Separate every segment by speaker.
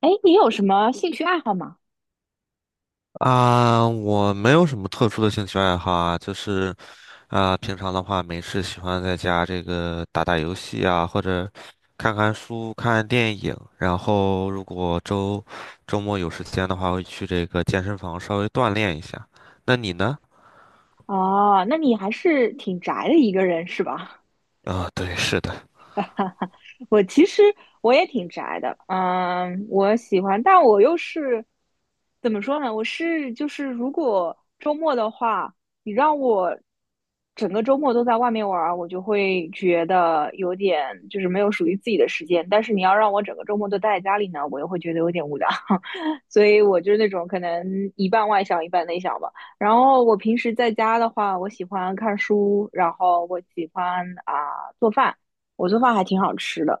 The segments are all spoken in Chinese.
Speaker 1: 哎，你有什么兴趣爱好吗？
Speaker 2: 啊，我没有什么特殊的兴趣爱好啊，就是啊，平常的话没事喜欢在家这个打打游戏啊，或者看看书、看看电影。然后如果周末有时间的话，会去这个健身房稍微锻炼一下。那你呢？
Speaker 1: 哦，那你还是挺宅的一个人是吧？
Speaker 2: 啊，对，是的。
Speaker 1: 我其实我也挺宅的，嗯，我喜欢，但我又是怎么说呢？我是就是，如果周末的话，你让我整个周末都在外面玩儿，我就会觉得有点就是没有属于自己的时间。但是你要让我整个周末都待在家里呢，我又会觉得有点无聊，所以我就是那种可能一半外向一半内向吧。然后我平时在家的话，我喜欢看书，然后我喜欢啊、做饭。我做饭还挺好吃的，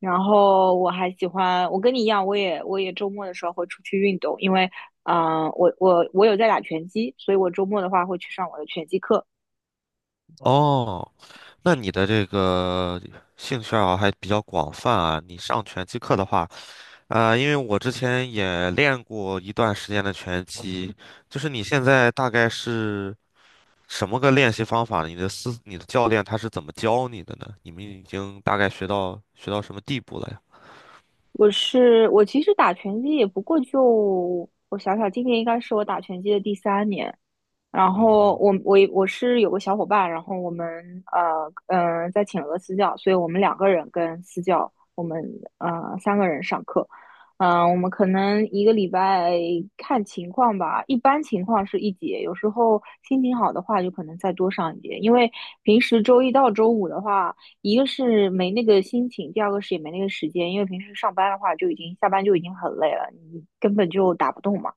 Speaker 1: 然后我还喜欢，我跟你一样，我也周末的时候会出去运动，因为，嗯、我有在打拳击，所以我周末的话会去上我的拳击课。
Speaker 2: 哦，那你的这个兴趣爱好还比较广泛啊。你上拳击课的话，啊、因为我之前也练过一段时间的拳击，就是你现在大概是什么个练习方法呢？你的教练他是怎么教你的呢？你们已经大概学到什么地步了呀？
Speaker 1: 我其实打拳击也不过就我想想，今年应该是我打拳击的第三年，然
Speaker 2: 嗯
Speaker 1: 后
Speaker 2: 哼，
Speaker 1: 我是有个小伙伴，然后我们呃在请了个私教，所以我们两个人跟私教，我们三个人上课，嗯、我们可能一个礼拜看情况吧，一般情况是一节，有时候心情好的话就可能再多上一节，因为平时周一到周五的话，一个是没那个心情，第二个是也没那个时间，因为平时上班的话就已经下班就已经很累了，你根本就打不动嘛，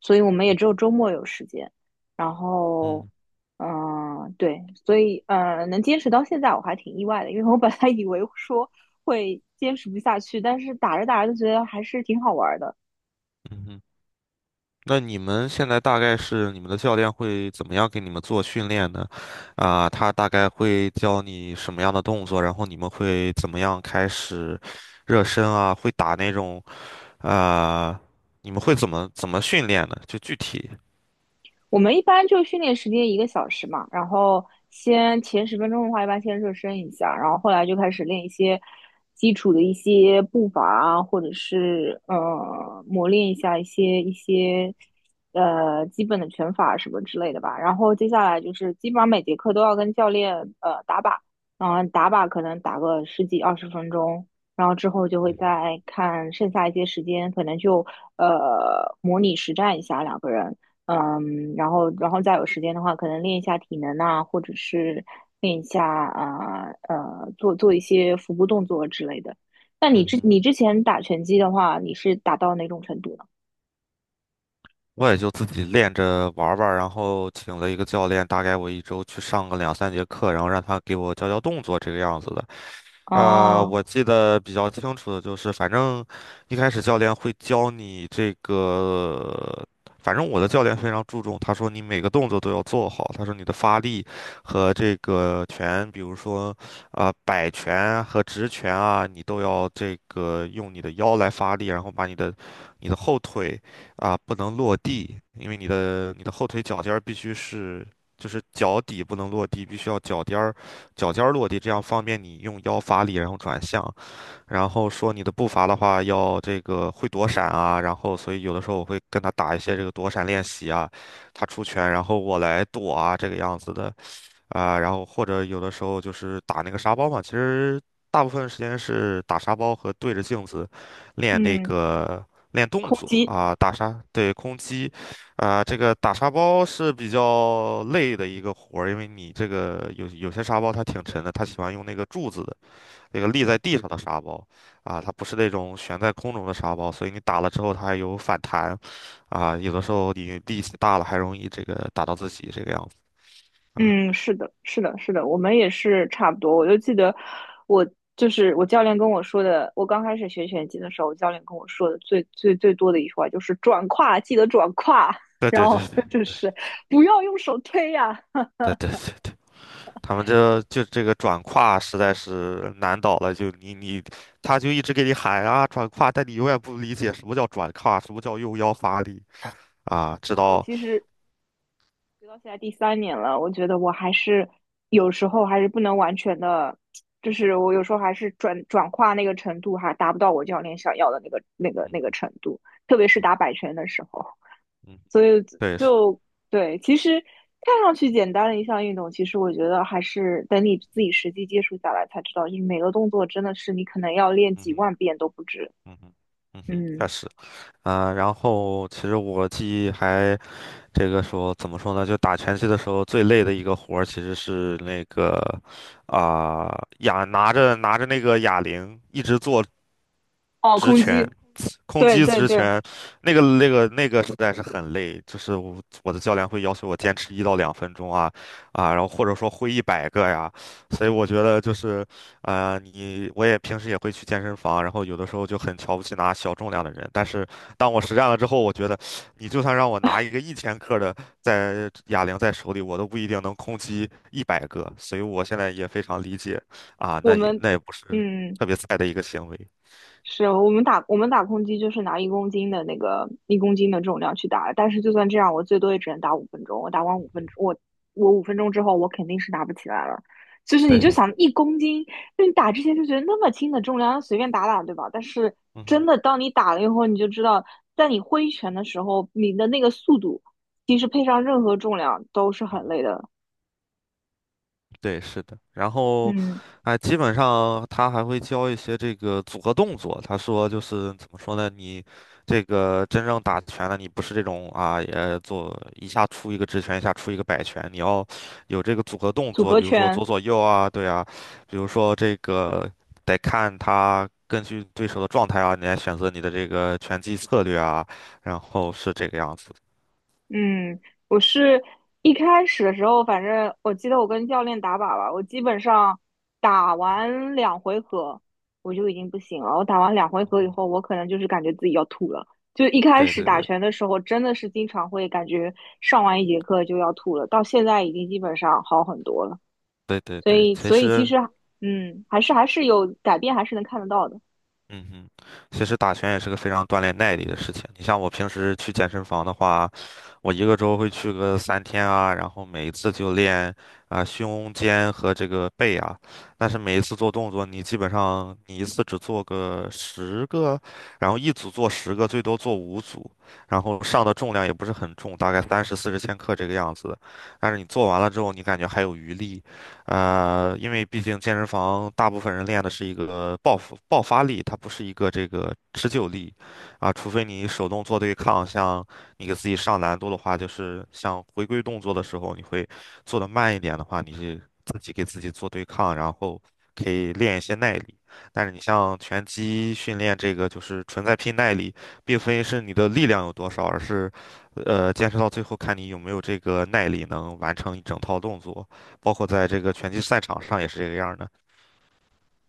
Speaker 1: 所以我们也只
Speaker 2: 嗯
Speaker 1: 有周末有时间。然后，
Speaker 2: 嗯
Speaker 1: 嗯、对，所以，能坚持到现在我还挺意外的，因为我本来以为说会坚持不下去，但是打着打着就觉得还是挺好玩儿的。
Speaker 2: 嗯哼，那你们现在大概是你们的教练会怎么样给你们做训练呢？啊、他大概会教你什么样的动作，然后你们会怎么样开始热身啊？会打那种。啊、你们会怎么训练呢？就具体，
Speaker 1: 我们一般就训练时间一个小时嘛，然后先前十分钟的话，一般先热身一下，然后后来就开始练一些基础的一些步伐啊，或者是磨练一下一些基本的拳法什么之类的吧。然后接下来就是基本上每节课都要跟教练打靶，然后打靶可能打个十几二十分钟。然后之后就会
Speaker 2: 嗯哼，
Speaker 1: 再看剩下一些时间，可能就模拟实战一下两个人，嗯，然后再有时间的话，可能练一下体能啊，或者是练一下做做一些腹部动作之类的。那你
Speaker 2: 嗯
Speaker 1: 之
Speaker 2: 哼。
Speaker 1: 你之前打拳击的话，你是打到哪种程度呢？
Speaker 2: 我也就自己练着玩儿玩儿然后请了一个教练，大概我一周去上个2、3节课，然后让他给我教教动作这个样子的。
Speaker 1: 哦，
Speaker 2: 我记得比较清楚的就是，反正一开始教练会教你这个，反正我的教练非常注重，他说你每个动作都要做好，他说你的发力和这个拳，比如说啊、摆拳和直拳啊，你都要这个用你的腰来发力，然后把你的后腿啊、不能落地，因为你的后腿脚尖儿必须是。就是脚底不能落地，必须要脚尖儿落地，这样方便你用腰发力，然后转向。然后说你的步伐的话，要这个会躲闪啊。然后，所以有的时候我会跟他打一些这个躲闪练习啊，他出拳，然后我来躲啊，这个样子的。啊、然后或者有的时候就是打那个沙包嘛，其实大部分时间是打沙包和对着镜子练那
Speaker 1: 嗯，
Speaker 2: 个练动
Speaker 1: 空
Speaker 2: 作
Speaker 1: 击，
Speaker 2: 啊、打沙，对，空击，啊、这个打沙包是比较累的一个活儿，因为你这个有些沙包它挺沉的，它喜欢用那个柱子的那个立在地上的沙包啊、它不是那种悬在空中的沙包，所以你打了之后它还有反弹啊、有的时候你力气大了还容易这个打到自己这个样子啊，
Speaker 1: 嗯，是的，是的，是的，我们也是差不多。我就记得我就是我教练跟我说的，我刚开始学拳击的时候，我教练跟我说的最多的一句话就是转胯，记得转胯，
Speaker 2: 对
Speaker 1: 然
Speaker 2: 对对
Speaker 1: 后
Speaker 2: 对
Speaker 1: 就
Speaker 2: 对。
Speaker 1: 是不要用手推呀、
Speaker 2: 对对，他们这就这个转胯实在是难倒了，就他就一直给你喊啊转胯，但你永远不理解什么叫转胯，什么叫用腰发力啊，
Speaker 1: 实
Speaker 2: 知
Speaker 1: 话，我
Speaker 2: 道，
Speaker 1: 其实直到现在第三年了，我觉得我还是有时候还是不能完全的，就是我有时候还是转化那个程度还达不到我教练想要的那个
Speaker 2: 嗯
Speaker 1: 程度，特别是
Speaker 2: 嗯
Speaker 1: 打摆拳的时候，
Speaker 2: 嗯，
Speaker 1: 所以
Speaker 2: 对，是
Speaker 1: 就对，其实看上去简单的一项运动，其实我觉得还是等你自己实际接触下来才知道，就是每个动作真的是你可能要练
Speaker 2: 嗯
Speaker 1: 几
Speaker 2: 哼
Speaker 1: 万遍都不止。
Speaker 2: 嗯哼嗯哼，确
Speaker 1: 嗯，
Speaker 2: 实啊，然后其实我记忆还这个说怎么说呢，就打拳击的时候最累的一个活儿其实是那个啊拿着拿着那个哑铃一直做
Speaker 1: 哦，
Speaker 2: 直
Speaker 1: 空
Speaker 2: 拳。
Speaker 1: 击，
Speaker 2: 空
Speaker 1: 对
Speaker 2: 击
Speaker 1: 对
Speaker 2: 之
Speaker 1: 对，
Speaker 2: 前，那个那个实在是很累，就是我的教练会要求我坚持1到2分钟啊啊，然后或者说挥一百个呀，所以我觉得就是你我也平时也会去健身房，然后有的时候就很瞧不起拿小重量的人，但是当我实战了之后，我觉得你就算让我拿一个1千克的在哑铃在手里，我都不一定能空击一百个，所以我现在也非常理解啊，
Speaker 1: 我
Speaker 2: 那也
Speaker 1: 们
Speaker 2: 那也不是
Speaker 1: 嗯。
Speaker 2: 特别菜的一个行为，
Speaker 1: 是我们打空击就是拿一公斤的一公斤的重量去打，但是就算这样，我最多也只能打五分钟。我打完五分钟，我五分钟之后，我肯定是打不起来了。就是你就
Speaker 2: 对，
Speaker 1: 想一公斤，就你打之前就觉得那么轻的重量随便打打，对吧？但是
Speaker 2: 嗯
Speaker 1: 真
Speaker 2: 哼。
Speaker 1: 的当你打了以后，你就知道，在你挥拳的时候，你的那个速度其实配上任何重量都是
Speaker 2: 嗯
Speaker 1: 很
Speaker 2: 哼
Speaker 1: 累的。
Speaker 2: 对，是的。然后，
Speaker 1: 嗯，
Speaker 2: 哎，基本上他还会教一些这个组合动作。他说就是怎么说呢？你这个真正打拳的，你不是这种啊，也做一下出一个直拳，一下出一个摆拳，你要有这个组合动
Speaker 1: 组
Speaker 2: 作，
Speaker 1: 合
Speaker 2: 比如说
Speaker 1: 拳。
Speaker 2: 左左右啊，对啊，比如说这个得看他根据对手的状态啊，你来选择你的这个拳击策略啊，然后是这个样子的。
Speaker 1: 嗯，我是一开始的时候，反正我记得我跟教练打靶吧，我基本上打完两回合我就已经不行了。我打完两回合以
Speaker 2: 嗯，
Speaker 1: 后，我可能就是感觉自己要吐了。就一开
Speaker 2: 对
Speaker 1: 始
Speaker 2: 对
Speaker 1: 打
Speaker 2: 对
Speaker 1: 拳的时候，真的是经常会感觉上完一节课就要吐了，到现在已经基本上好很多了。
Speaker 2: 对对
Speaker 1: 所
Speaker 2: 对，
Speaker 1: 以，
Speaker 2: 其
Speaker 1: 所以其
Speaker 2: 实。
Speaker 1: 实，嗯，还是有改变，还是能看得到的。
Speaker 2: 嗯哼，其实打拳也是个非常锻炼耐力的事情。你像我平时去健身房的话，我一个周会去个3天啊，然后每一次就练啊、胸肩和这个背啊。但是每一次做动作，你基本上你一次只做个十个，然后一组做十个，最多做5组，然后上的重量也不是很重，大概30、40千克这个样子。但是你做完了之后，你感觉还有余力，因为毕竟健身房大部分人练的是一个爆发力，它不是一个这个持久力啊，除非你手动做对抗，像你给自己上难度的话，就是像回归动作的时候，你会做的慢一点的话，你是自己给自己做对抗，然后可以练一些耐力。但是你像拳击训练这个，就是纯在拼耐力，并非是你的力量有多少，而是，坚持到最后看你有没有这个耐力能完成一整套动作。包括在这个拳击赛场上也是这个样儿的。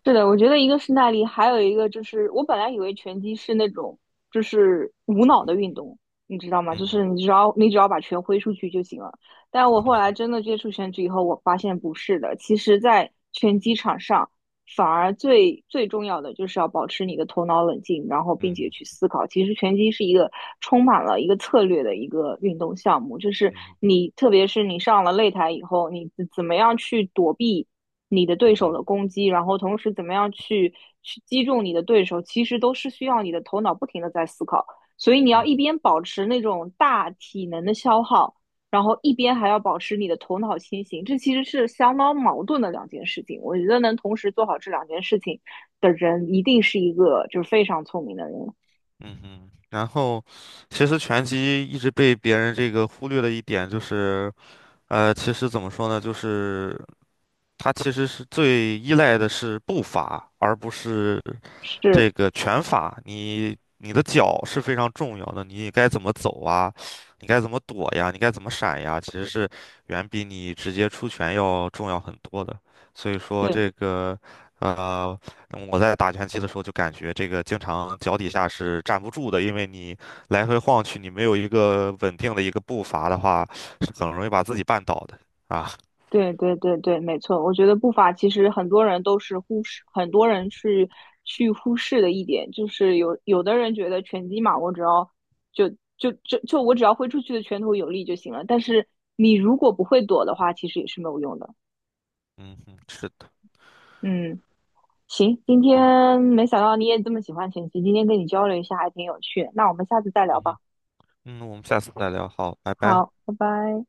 Speaker 1: 是的，我觉得一个是耐力，还有一个就是我本来以为拳击是那种就是无脑的运动，你知道吗？
Speaker 2: 嗯
Speaker 1: 就是
Speaker 2: 哼，
Speaker 1: 你只要把拳挥出去就行了。但我
Speaker 2: 嗯
Speaker 1: 后来
Speaker 2: 哼，
Speaker 1: 真的接触拳击以后，我发现不是的。其实，在拳击场上，反而最重要的就是要保持你的头脑冷静，然后并
Speaker 2: 嗯
Speaker 1: 且
Speaker 2: 哼，
Speaker 1: 去思考。其实拳击是一个充满了一个策略的一个运动项目，就是
Speaker 2: 嗯哼，
Speaker 1: 你特别是你上了擂台以后，你怎么样去躲避。你的
Speaker 2: 嗯
Speaker 1: 对手
Speaker 2: 哼，
Speaker 1: 的攻击，然后同时怎么样去击中你的对手，其实都是需要你的头脑不停的在思考。所以你要
Speaker 2: 嗯
Speaker 1: 一
Speaker 2: 哼。
Speaker 1: 边保持那种大体能的消耗，然后一边还要保持你的头脑清醒，这其实是相当矛盾的两件事情。我觉得能同时做好这两件事情的人，一定是一个就是非常聪明的人。
Speaker 2: 嗯哼然后，其实拳击一直被别人这个忽略的一点就是，其实怎么说呢，就是它其实是最依赖的是步伐，而不是
Speaker 1: 是，
Speaker 2: 这个拳法，你的脚是非常重要的，你该怎么走啊，你该怎么躲呀，你该怎么闪呀，其实是远比你直接出拳要重要很多的。所以说
Speaker 1: 对。
Speaker 2: 这个，呃，我在打拳击的时候就感觉这个经常脚底下是站不住的，因为你来回晃去，你没有一个稳定的一个步伐的话，是很容易把自己绊倒的啊。
Speaker 1: 对对对对，没错。我觉得步伐其实很多人都是忽视，很多人是去忽视的一点，就是有的人觉得拳击嘛，我只要就就我只要挥出去的拳头有力就行了。但是你如果不会躲的话，其实也是没有用的。
Speaker 2: 嗯哼，是的，
Speaker 1: 嗯，行，今
Speaker 2: 啊，
Speaker 1: 天没想到你也这么喜欢拳击，今天跟你交流一下还挺有趣的那我们下次再聊
Speaker 2: 嗯
Speaker 1: 吧。
Speaker 2: 哼，嗯，我们下次再聊，好，拜拜。
Speaker 1: 好，拜拜。